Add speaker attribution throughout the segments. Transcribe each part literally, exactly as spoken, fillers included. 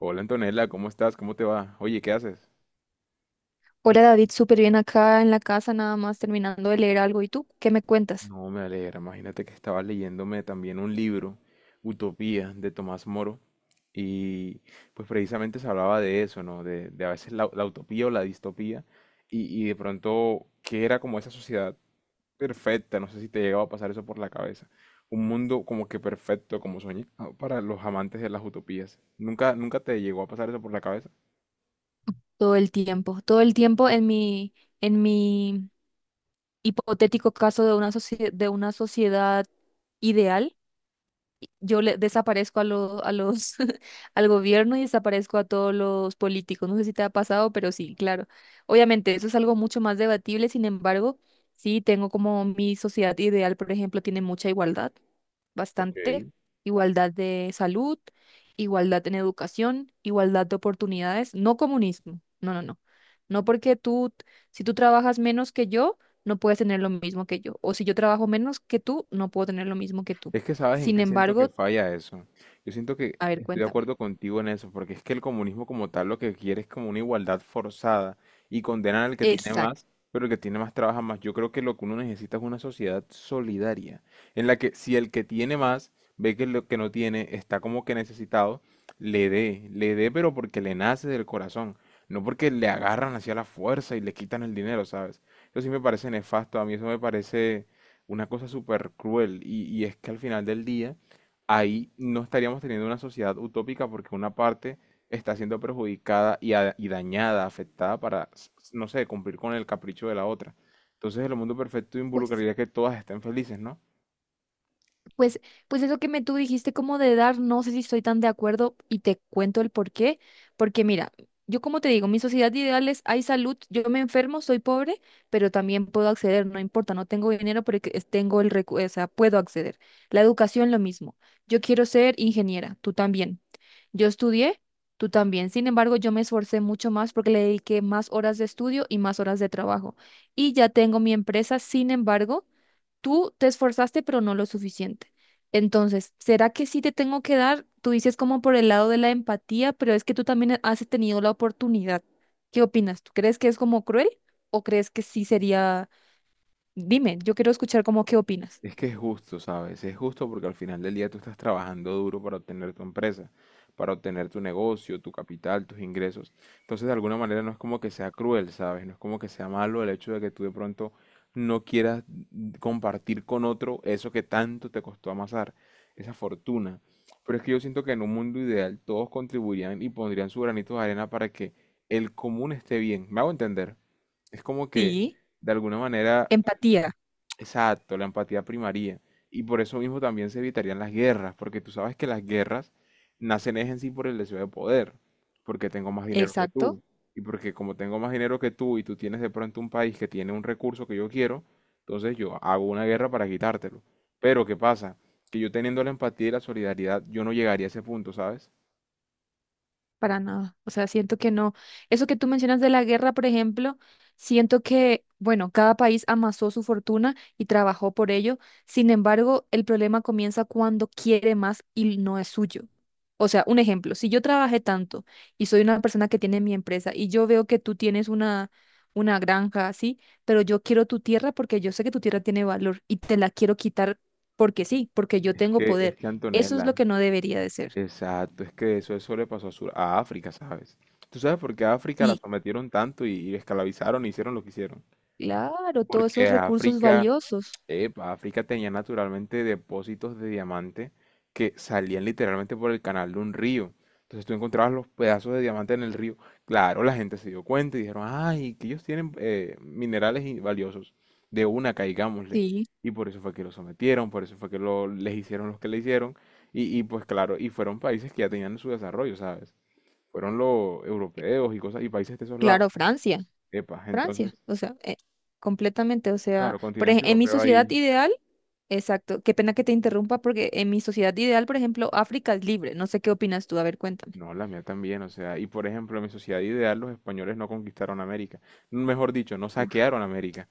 Speaker 1: Hola Antonella, ¿cómo estás? ¿Cómo te va? Oye, ¿qué haces?
Speaker 2: Hola David, súper bien acá en la casa, nada más terminando de leer algo. ¿Y tú qué me cuentas?
Speaker 1: No, me alegra. Imagínate que estaba leyéndome también un libro, Utopía, de Tomás Moro, y pues precisamente se hablaba de eso, ¿no? De, de a veces la, la utopía o la distopía, y, y de pronto, ¿qué era como esa sociedad perfecta? No sé si te llegaba a pasar eso por la cabeza. Un mundo como que perfecto, como soñado para los amantes de las utopías. ¿Nunca, nunca te llegó a pasar eso por la cabeza?
Speaker 2: Todo el tiempo, todo el tiempo en mi, en mi hipotético caso de una socie- de una sociedad ideal, yo le desaparezco a lo, a los, al gobierno y desaparezco a todos los políticos. No sé si te ha pasado, pero sí, claro. Obviamente, eso es algo mucho más debatible. Sin embargo, sí tengo como mi sociedad ideal, por ejemplo, tiene mucha igualdad,
Speaker 1: Ok.
Speaker 2: bastante, igualdad de salud, igualdad en educación, igualdad de oportunidades, no comunismo, no, no, no. No porque tú, si tú trabajas menos que yo, no puedes tener lo mismo que yo, o si yo trabajo menos que tú, no puedo tener lo mismo que tú.
Speaker 1: Es que sabes en
Speaker 2: Sin
Speaker 1: qué siento que
Speaker 2: embargo,
Speaker 1: falla eso. Yo siento que
Speaker 2: a ver,
Speaker 1: estoy de
Speaker 2: cuéntame.
Speaker 1: acuerdo contigo en eso, porque es que el comunismo como tal lo que quiere es como una igualdad forzada y condenan al que tiene
Speaker 2: Exacto.
Speaker 1: más, pero el que tiene más trabaja más. Yo creo que lo que uno necesita es una sociedad solidaria, en la que si el que tiene más ve que lo que no tiene está como que necesitado, le dé, le dé, pero porque le nace del corazón, no porque le agarran hacia la fuerza y le quitan el dinero, ¿sabes? Eso sí me parece nefasto, a mí eso me parece una cosa súper cruel. Y, y es que al final del día, ahí no estaríamos teniendo una sociedad utópica porque una parte está siendo perjudicada y, a- y dañada, afectada para, s- s- no sé, cumplir con el capricho de la otra. Entonces el mundo perfecto
Speaker 2: Pues
Speaker 1: involucraría que todas estén felices, ¿no?
Speaker 2: Pues, pues eso que me tú dijiste como de dar, no sé si estoy tan de acuerdo y te cuento el por qué. Porque mira, yo como te digo, mi sociedad ideal es, hay salud, yo me enfermo, soy pobre, pero también puedo acceder, no importa, no tengo dinero, pero que- tengo el recu, o sea, puedo acceder. La educación, lo mismo. Yo quiero ser ingeniera, tú también. Yo estudié, tú también. Sin embargo, yo me esforcé mucho más porque le dediqué más horas de estudio y más horas de trabajo. Y ya tengo mi empresa, sin embargo tú te esforzaste, pero no lo suficiente. Entonces, ¿será que sí te tengo que dar? Tú dices como por el lado de la empatía, pero es que tú también has tenido la oportunidad. ¿Qué opinas? ¿Tú crees que es como cruel o crees que sí sería? Dime, yo quiero escuchar como qué opinas.
Speaker 1: Es que es justo, ¿sabes? Es justo porque al final del día tú estás trabajando duro para obtener tu empresa, para obtener tu negocio, tu capital, tus ingresos. Entonces, de alguna manera no es como que sea cruel, ¿sabes? No es como que sea malo el hecho de que tú de pronto no quieras mm, compartir con otro eso que tanto te costó amasar, esa fortuna. Pero es que yo siento que en un mundo ideal todos contribuirían y pondrían su granito de arena para que el común esté bien. ¿Me hago entender? Es como que
Speaker 2: Sí,
Speaker 1: de alguna manera
Speaker 2: empatía,
Speaker 1: exacto, la empatía primaría. Y por eso mismo también se evitarían las guerras, porque tú sabes que las guerras nacen es en sí por el deseo de poder, porque tengo más dinero que
Speaker 2: exacto.
Speaker 1: tú. Y porque como tengo más dinero que tú y tú tienes de pronto un país que tiene un recurso que yo quiero, entonces yo hago una guerra para quitártelo. Pero ¿qué pasa? Que yo teniendo la empatía y la solidaridad, yo no llegaría a ese punto, ¿sabes?
Speaker 2: Para nada. O sea, siento que no. Eso que tú mencionas de la guerra, por ejemplo, siento que, bueno, cada país amasó su fortuna y trabajó por ello. Sin embargo, el problema comienza cuando quiere más y no es suyo. O sea, un ejemplo, si yo trabajé tanto y soy una persona que tiene mi empresa y yo veo que tú tienes una, una granja así, pero yo quiero tu tierra porque yo sé que tu tierra tiene valor y te la quiero quitar porque sí, porque yo
Speaker 1: Es
Speaker 2: tengo
Speaker 1: que, es
Speaker 2: poder.
Speaker 1: que
Speaker 2: Eso es
Speaker 1: Antonella,
Speaker 2: lo que no debería de ser.
Speaker 1: exacto, es que eso, eso le pasó a, Sur- a África, ¿sabes? ¿Tú sabes por qué a África la sometieron tanto y, y esclavizaron y hicieron lo que hicieron?
Speaker 2: Claro, todos esos
Speaker 1: Porque
Speaker 2: recursos
Speaker 1: África,
Speaker 2: valiosos.
Speaker 1: epa, África tenía naturalmente depósitos de diamante que salían literalmente por el canal de un río. Entonces tú encontrabas los pedazos de diamante en el río. Claro, la gente se dio cuenta y dijeron, ay, que ellos tienen eh, minerales y- valiosos. De una, caigámosle.
Speaker 2: Sí,
Speaker 1: Y por eso fue que lo sometieron, por eso fue que lo, les hicieron los que le hicieron. Y, y pues claro, y fueron países que ya tenían su desarrollo, ¿sabes? Fueron los europeos y cosas, y países de esos lados.
Speaker 2: claro, Francia,
Speaker 1: Epa,
Speaker 2: Francia,
Speaker 1: entonces,
Speaker 2: o sea, eh, completamente, o sea,
Speaker 1: claro,
Speaker 2: por ej-
Speaker 1: continente
Speaker 2: en mi
Speaker 1: europeo
Speaker 2: sociedad
Speaker 1: ahí.
Speaker 2: ideal, exacto, qué pena que te interrumpa porque en mi sociedad ideal, por ejemplo, África es libre, no sé qué opinas tú, a ver, cuéntame.
Speaker 1: No, la mía también, o sea, y por ejemplo, en mi sociedad ideal los españoles no conquistaron América, mejor dicho, no
Speaker 2: Uf,
Speaker 1: saquearon América.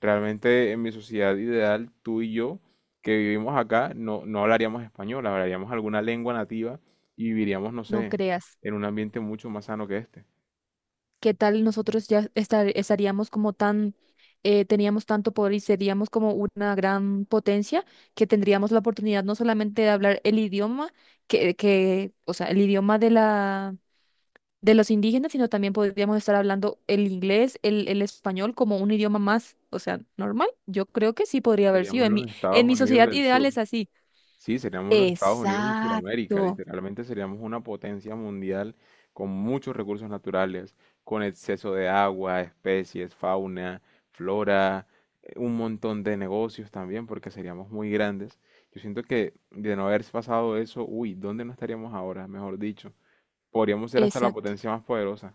Speaker 1: Realmente en mi sociedad ideal, tú y yo, que vivimos acá, no, no hablaríamos español, hablaríamos alguna lengua nativa y viviríamos, no
Speaker 2: no
Speaker 1: sé,
Speaker 2: creas,
Speaker 1: en un ambiente mucho más sano que este.
Speaker 2: ¿qué tal nosotros ya estar- estaríamos como tan, eh, teníamos tanto poder y seríamos como una gran potencia que tendríamos la oportunidad no solamente de hablar el idioma, que, que, o sea, el idioma de la de los indígenas, sino también podríamos estar hablando el inglés, el, el español como un idioma más, o sea, normal. Yo creo que sí podría haber sido.
Speaker 1: Seríamos
Speaker 2: En mi,
Speaker 1: los
Speaker 2: en
Speaker 1: Estados
Speaker 2: mi
Speaker 1: Unidos
Speaker 2: sociedad
Speaker 1: del
Speaker 2: ideal
Speaker 1: Sur.
Speaker 2: es así.
Speaker 1: Sí, seríamos los Estados Unidos de Sudamérica,
Speaker 2: Exacto,
Speaker 1: literalmente seríamos una potencia mundial con muchos recursos naturales, con exceso de agua, especies, fauna, flora, eh, un montón de negocios también, porque seríamos muy grandes. Yo siento que de no haber pasado eso, uy, ¿dónde no estaríamos ahora? Mejor dicho, podríamos ser hasta la potencia más poderosa.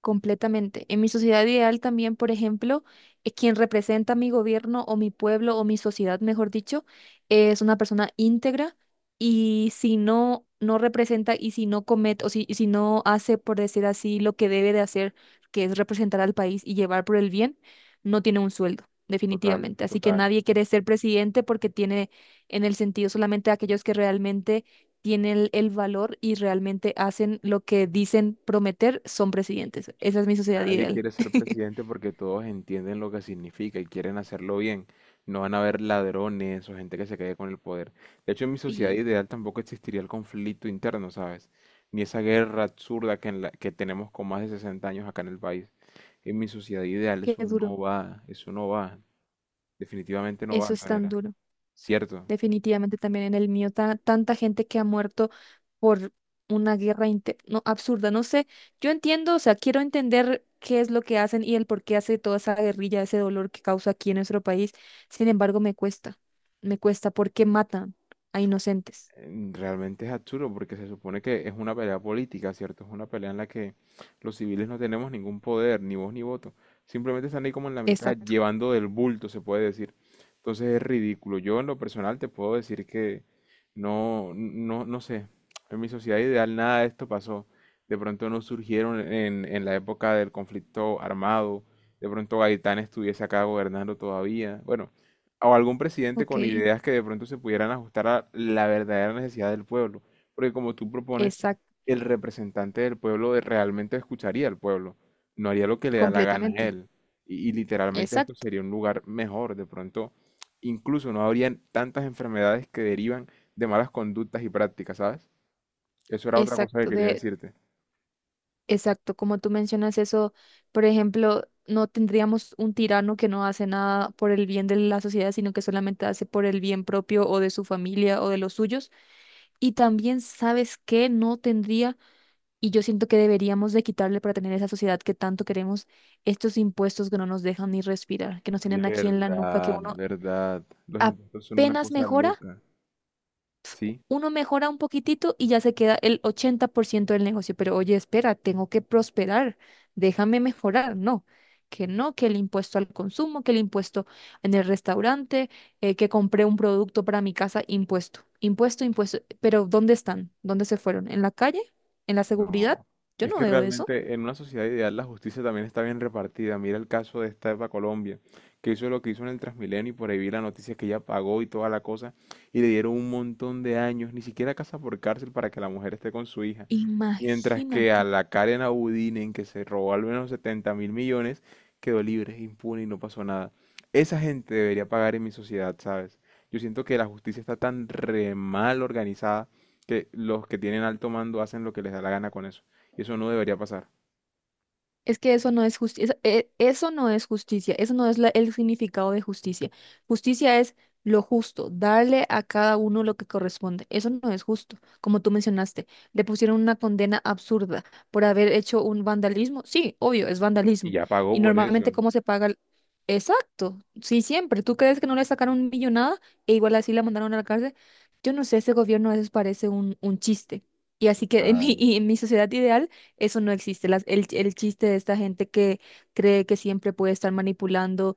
Speaker 2: completamente. En mi sociedad ideal también, por ejemplo, eh, quien representa mi gobierno o mi pueblo o mi sociedad, mejor dicho, es una persona íntegra y si no, no representa y si no comete o si, y si no hace, por decir así, lo que debe de hacer, que es representar al país y llevar por el bien, no tiene un sueldo,
Speaker 1: Total,
Speaker 2: definitivamente. Así que
Speaker 1: total.
Speaker 2: nadie quiere ser presidente porque tiene en el sentido solamente aquellos que realmente tienen el, el valor y realmente hacen lo que dicen prometer, son presidentes. Esa es mi sociedad
Speaker 1: Nadie
Speaker 2: ideal.
Speaker 1: quiere ser presidente porque todos entienden lo que significa y quieren hacerlo bien. No van a haber ladrones o gente que se quede con el poder. De hecho, en mi sociedad
Speaker 2: Y
Speaker 1: ideal tampoco existiría el conflicto interno, ¿sabes? Ni esa guerra absurda que, en la- que tenemos con más de sesenta años acá en el país. En mi sociedad ideal
Speaker 2: qué
Speaker 1: eso
Speaker 2: duro,
Speaker 1: no va, eso no va. Definitivamente no va,
Speaker 2: eso es tan
Speaker 1: Antonella.
Speaker 2: duro.
Speaker 1: ¿Cierto?
Speaker 2: Definitivamente también en el mío, ta- tanta gente que ha muerto por una guerra inte- no, absurda. No sé, yo entiendo, o sea, quiero entender qué es lo que hacen y el por qué hace toda esa guerrilla, ese dolor que causa aquí en nuestro país. Sin embargo, me cuesta, me cuesta porque matan a inocentes.
Speaker 1: Mm, realmente es absurdo porque se supone que es una pelea política, ¿cierto? Es una pelea en la que los civiles no tenemos ningún poder, ni voz ni voto. Simplemente están ahí como en la mitad,
Speaker 2: Exacto,
Speaker 1: llevando del bulto, se puede decir. Entonces es ridículo. Yo en lo personal te puedo decir que no, no, no sé. En mi sociedad ideal nada de esto pasó. De pronto no surgieron en, en la época del conflicto armado. De pronto Gaitán estuviese acá gobernando todavía. Bueno, o algún presidente
Speaker 2: ok,
Speaker 1: con ideas que de pronto se pudieran ajustar a la verdadera necesidad del pueblo. Porque como tú propones,
Speaker 2: exacto,
Speaker 1: el representante del pueblo de- realmente escucharía al pueblo, no haría lo que le da la gana a
Speaker 2: completamente.
Speaker 1: él. Y, y literalmente esto
Speaker 2: Exacto.
Speaker 1: sería un lugar mejor. De pronto, incluso no habrían tantas enfermedades que derivan de malas conductas y prácticas, ¿sabes? Eso era otra cosa que
Speaker 2: Exacto,
Speaker 1: quería
Speaker 2: de,
Speaker 1: decirte.
Speaker 2: exacto, como tú mencionas eso, por ejemplo, no tendríamos un tirano que no hace nada por el bien de la sociedad, sino que solamente hace por el bien propio o de su familia o de los suyos. Y también, ¿sabes qué? No tendría, y yo siento que deberíamos de quitarle para tener esa sociedad que tanto queremos, estos impuestos que no nos dejan ni respirar, que nos
Speaker 1: Oye,
Speaker 2: tienen aquí en la nuca, que
Speaker 1: verdad,
Speaker 2: uno
Speaker 1: verdad. Los impuestos son una
Speaker 2: apenas
Speaker 1: cosa
Speaker 2: mejora.
Speaker 1: loca, ¿sí?
Speaker 2: Uno mejora un poquitito y ya se queda el ochenta por ciento del negocio. Pero oye, espera, tengo que prosperar, déjame mejorar. No, que no, que el impuesto al consumo, que el impuesto en el restaurante, eh, que compré un producto para mi casa, impuesto, impuesto, impuesto. Pero ¿dónde están? ¿Dónde se fueron? ¿En la calle? ¿En la seguridad?
Speaker 1: No,
Speaker 2: Yo
Speaker 1: es
Speaker 2: no
Speaker 1: que
Speaker 2: veo eso.
Speaker 1: realmente en una sociedad ideal la justicia también está bien repartida. Mira el caso de esta Eva Colombia, que hizo lo que hizo en el Transmilenio y por ahí vi la noticia que ella pagó y toda la cosa y le dieron un montón de años, ni siquiera casa por cárcel para que la mujer esté con su hija. Mientras que a
Speaker 2: Imagínate.
Speaker 1: la Karen Abudinen, que se robó al menos setenta mil millones, quedó libre, impune y no pasó nada. Esa gente debería pagar en mi sociedad, ¿sabes? Yo siento que la justicia está tan re mal organizada que los que tienen alto mando hacen lo que les da la gana con eso. Y eso no debería pasar.
Speaker 2: Es que eso no es justicia, eso no es justicia, eso no es la- el significado de justicia. Justicia es lo justo, darle a cada uno lo que corresponde. Eso no es justo, como tú mencionaste. Le pusieron una condena absurda por haber hecho un vandalismo. Sí, obvio, es
Speaker 1: Y
Speaker 2: vandalismo.
Speaker 1: ya pagó
Speaker 2: Y
Speaker 1: por eso.
Speaker 2: normalmente, ¿cómo se paga? el- Exacto, sí, siempre. ¿Tú crees que no le sacaron millonada e igual así la mandaron a la cárcel? Yo no sé, ese gobierno a veces parece un, un chiste. Y así que en mi,
Speaker 1: Total.
Speaker 2: y en mi sociedad ideal eso no existe. Las- el, el chiste de esta gente que cree que siempre puede estar manipulando,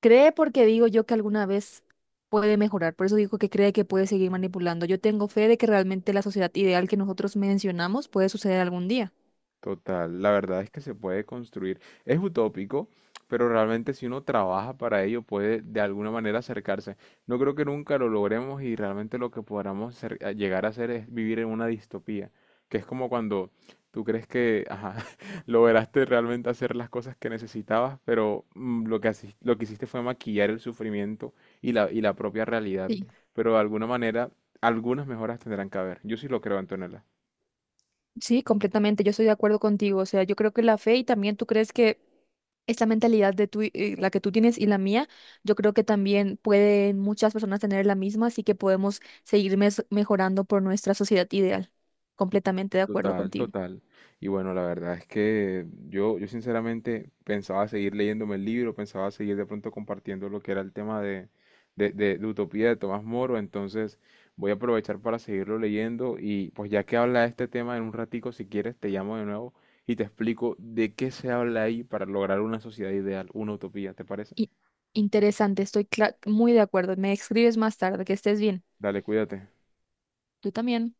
Speaker 2: cree porque digo yo que alguna vez puede mejorar. Por eso digo que cree que puede seguir manipulando. Yo tengo fe de que realmente la sociedad ideal que nosotros mencionamos puede suceder algún día.
Speaker 1: Total, la verdad es que se puede construir. Es utópico, pero realmente si uno trabaja para ello puede de alguna manera acercarse. No creo que nunca lo logremos y realmente lo que podamos ser- a llegar a hacer es vivir en una distopía, que es como cuando tú crees que ajá, lograste realmente hacer las cosas que necesitabas, pero mm, lo que, haci- lo que hiciste fue maquillar el sufrimiento y la, y la propia realidad.
Speaker 2: Sí.
Speaker 1: Pero de alguna manera, algunas mejoras tendrán que haber. Yo sí lo creo, Antonella.
Speaker 2: Sí, completamente. Yo estoy de acuerdo contigo. O sea, yo creo que la fe y también tú crees que esta mentalidad de tú, y- eh, la que tú tienes y la mía, yo creo que también pueden muchas personas tener la misma, así que podemos seguir mes- mejorando por nuestra sociedad ideal. Completamente de acuerdo
Speaker 1: Total,
Speaker 2: contigo.
Speaker 1: total. Y bueno, la verdad es que yo, yo sinceramente pensaba seguir leyéndome el libro, pensaba seguir de pronto compartiendo lo que era el tema de, de, de- de Utopía de Tomás Moro, entonces voy a aprovechar para seguirlo leyendo y pues ya que habla de este tema en un ratico, si quieres, te llamo de nuevo y te explico de qué se habla ahí para lograr una sociedad ideal, una utopía, ¿te parece?
Speaker 2: Y interesante, estoy cla- muy de acuerdo. Me escribes más tarde, que estés bien.
Speaker 1: Dale, cuídate.
Speaker 2: Tú también.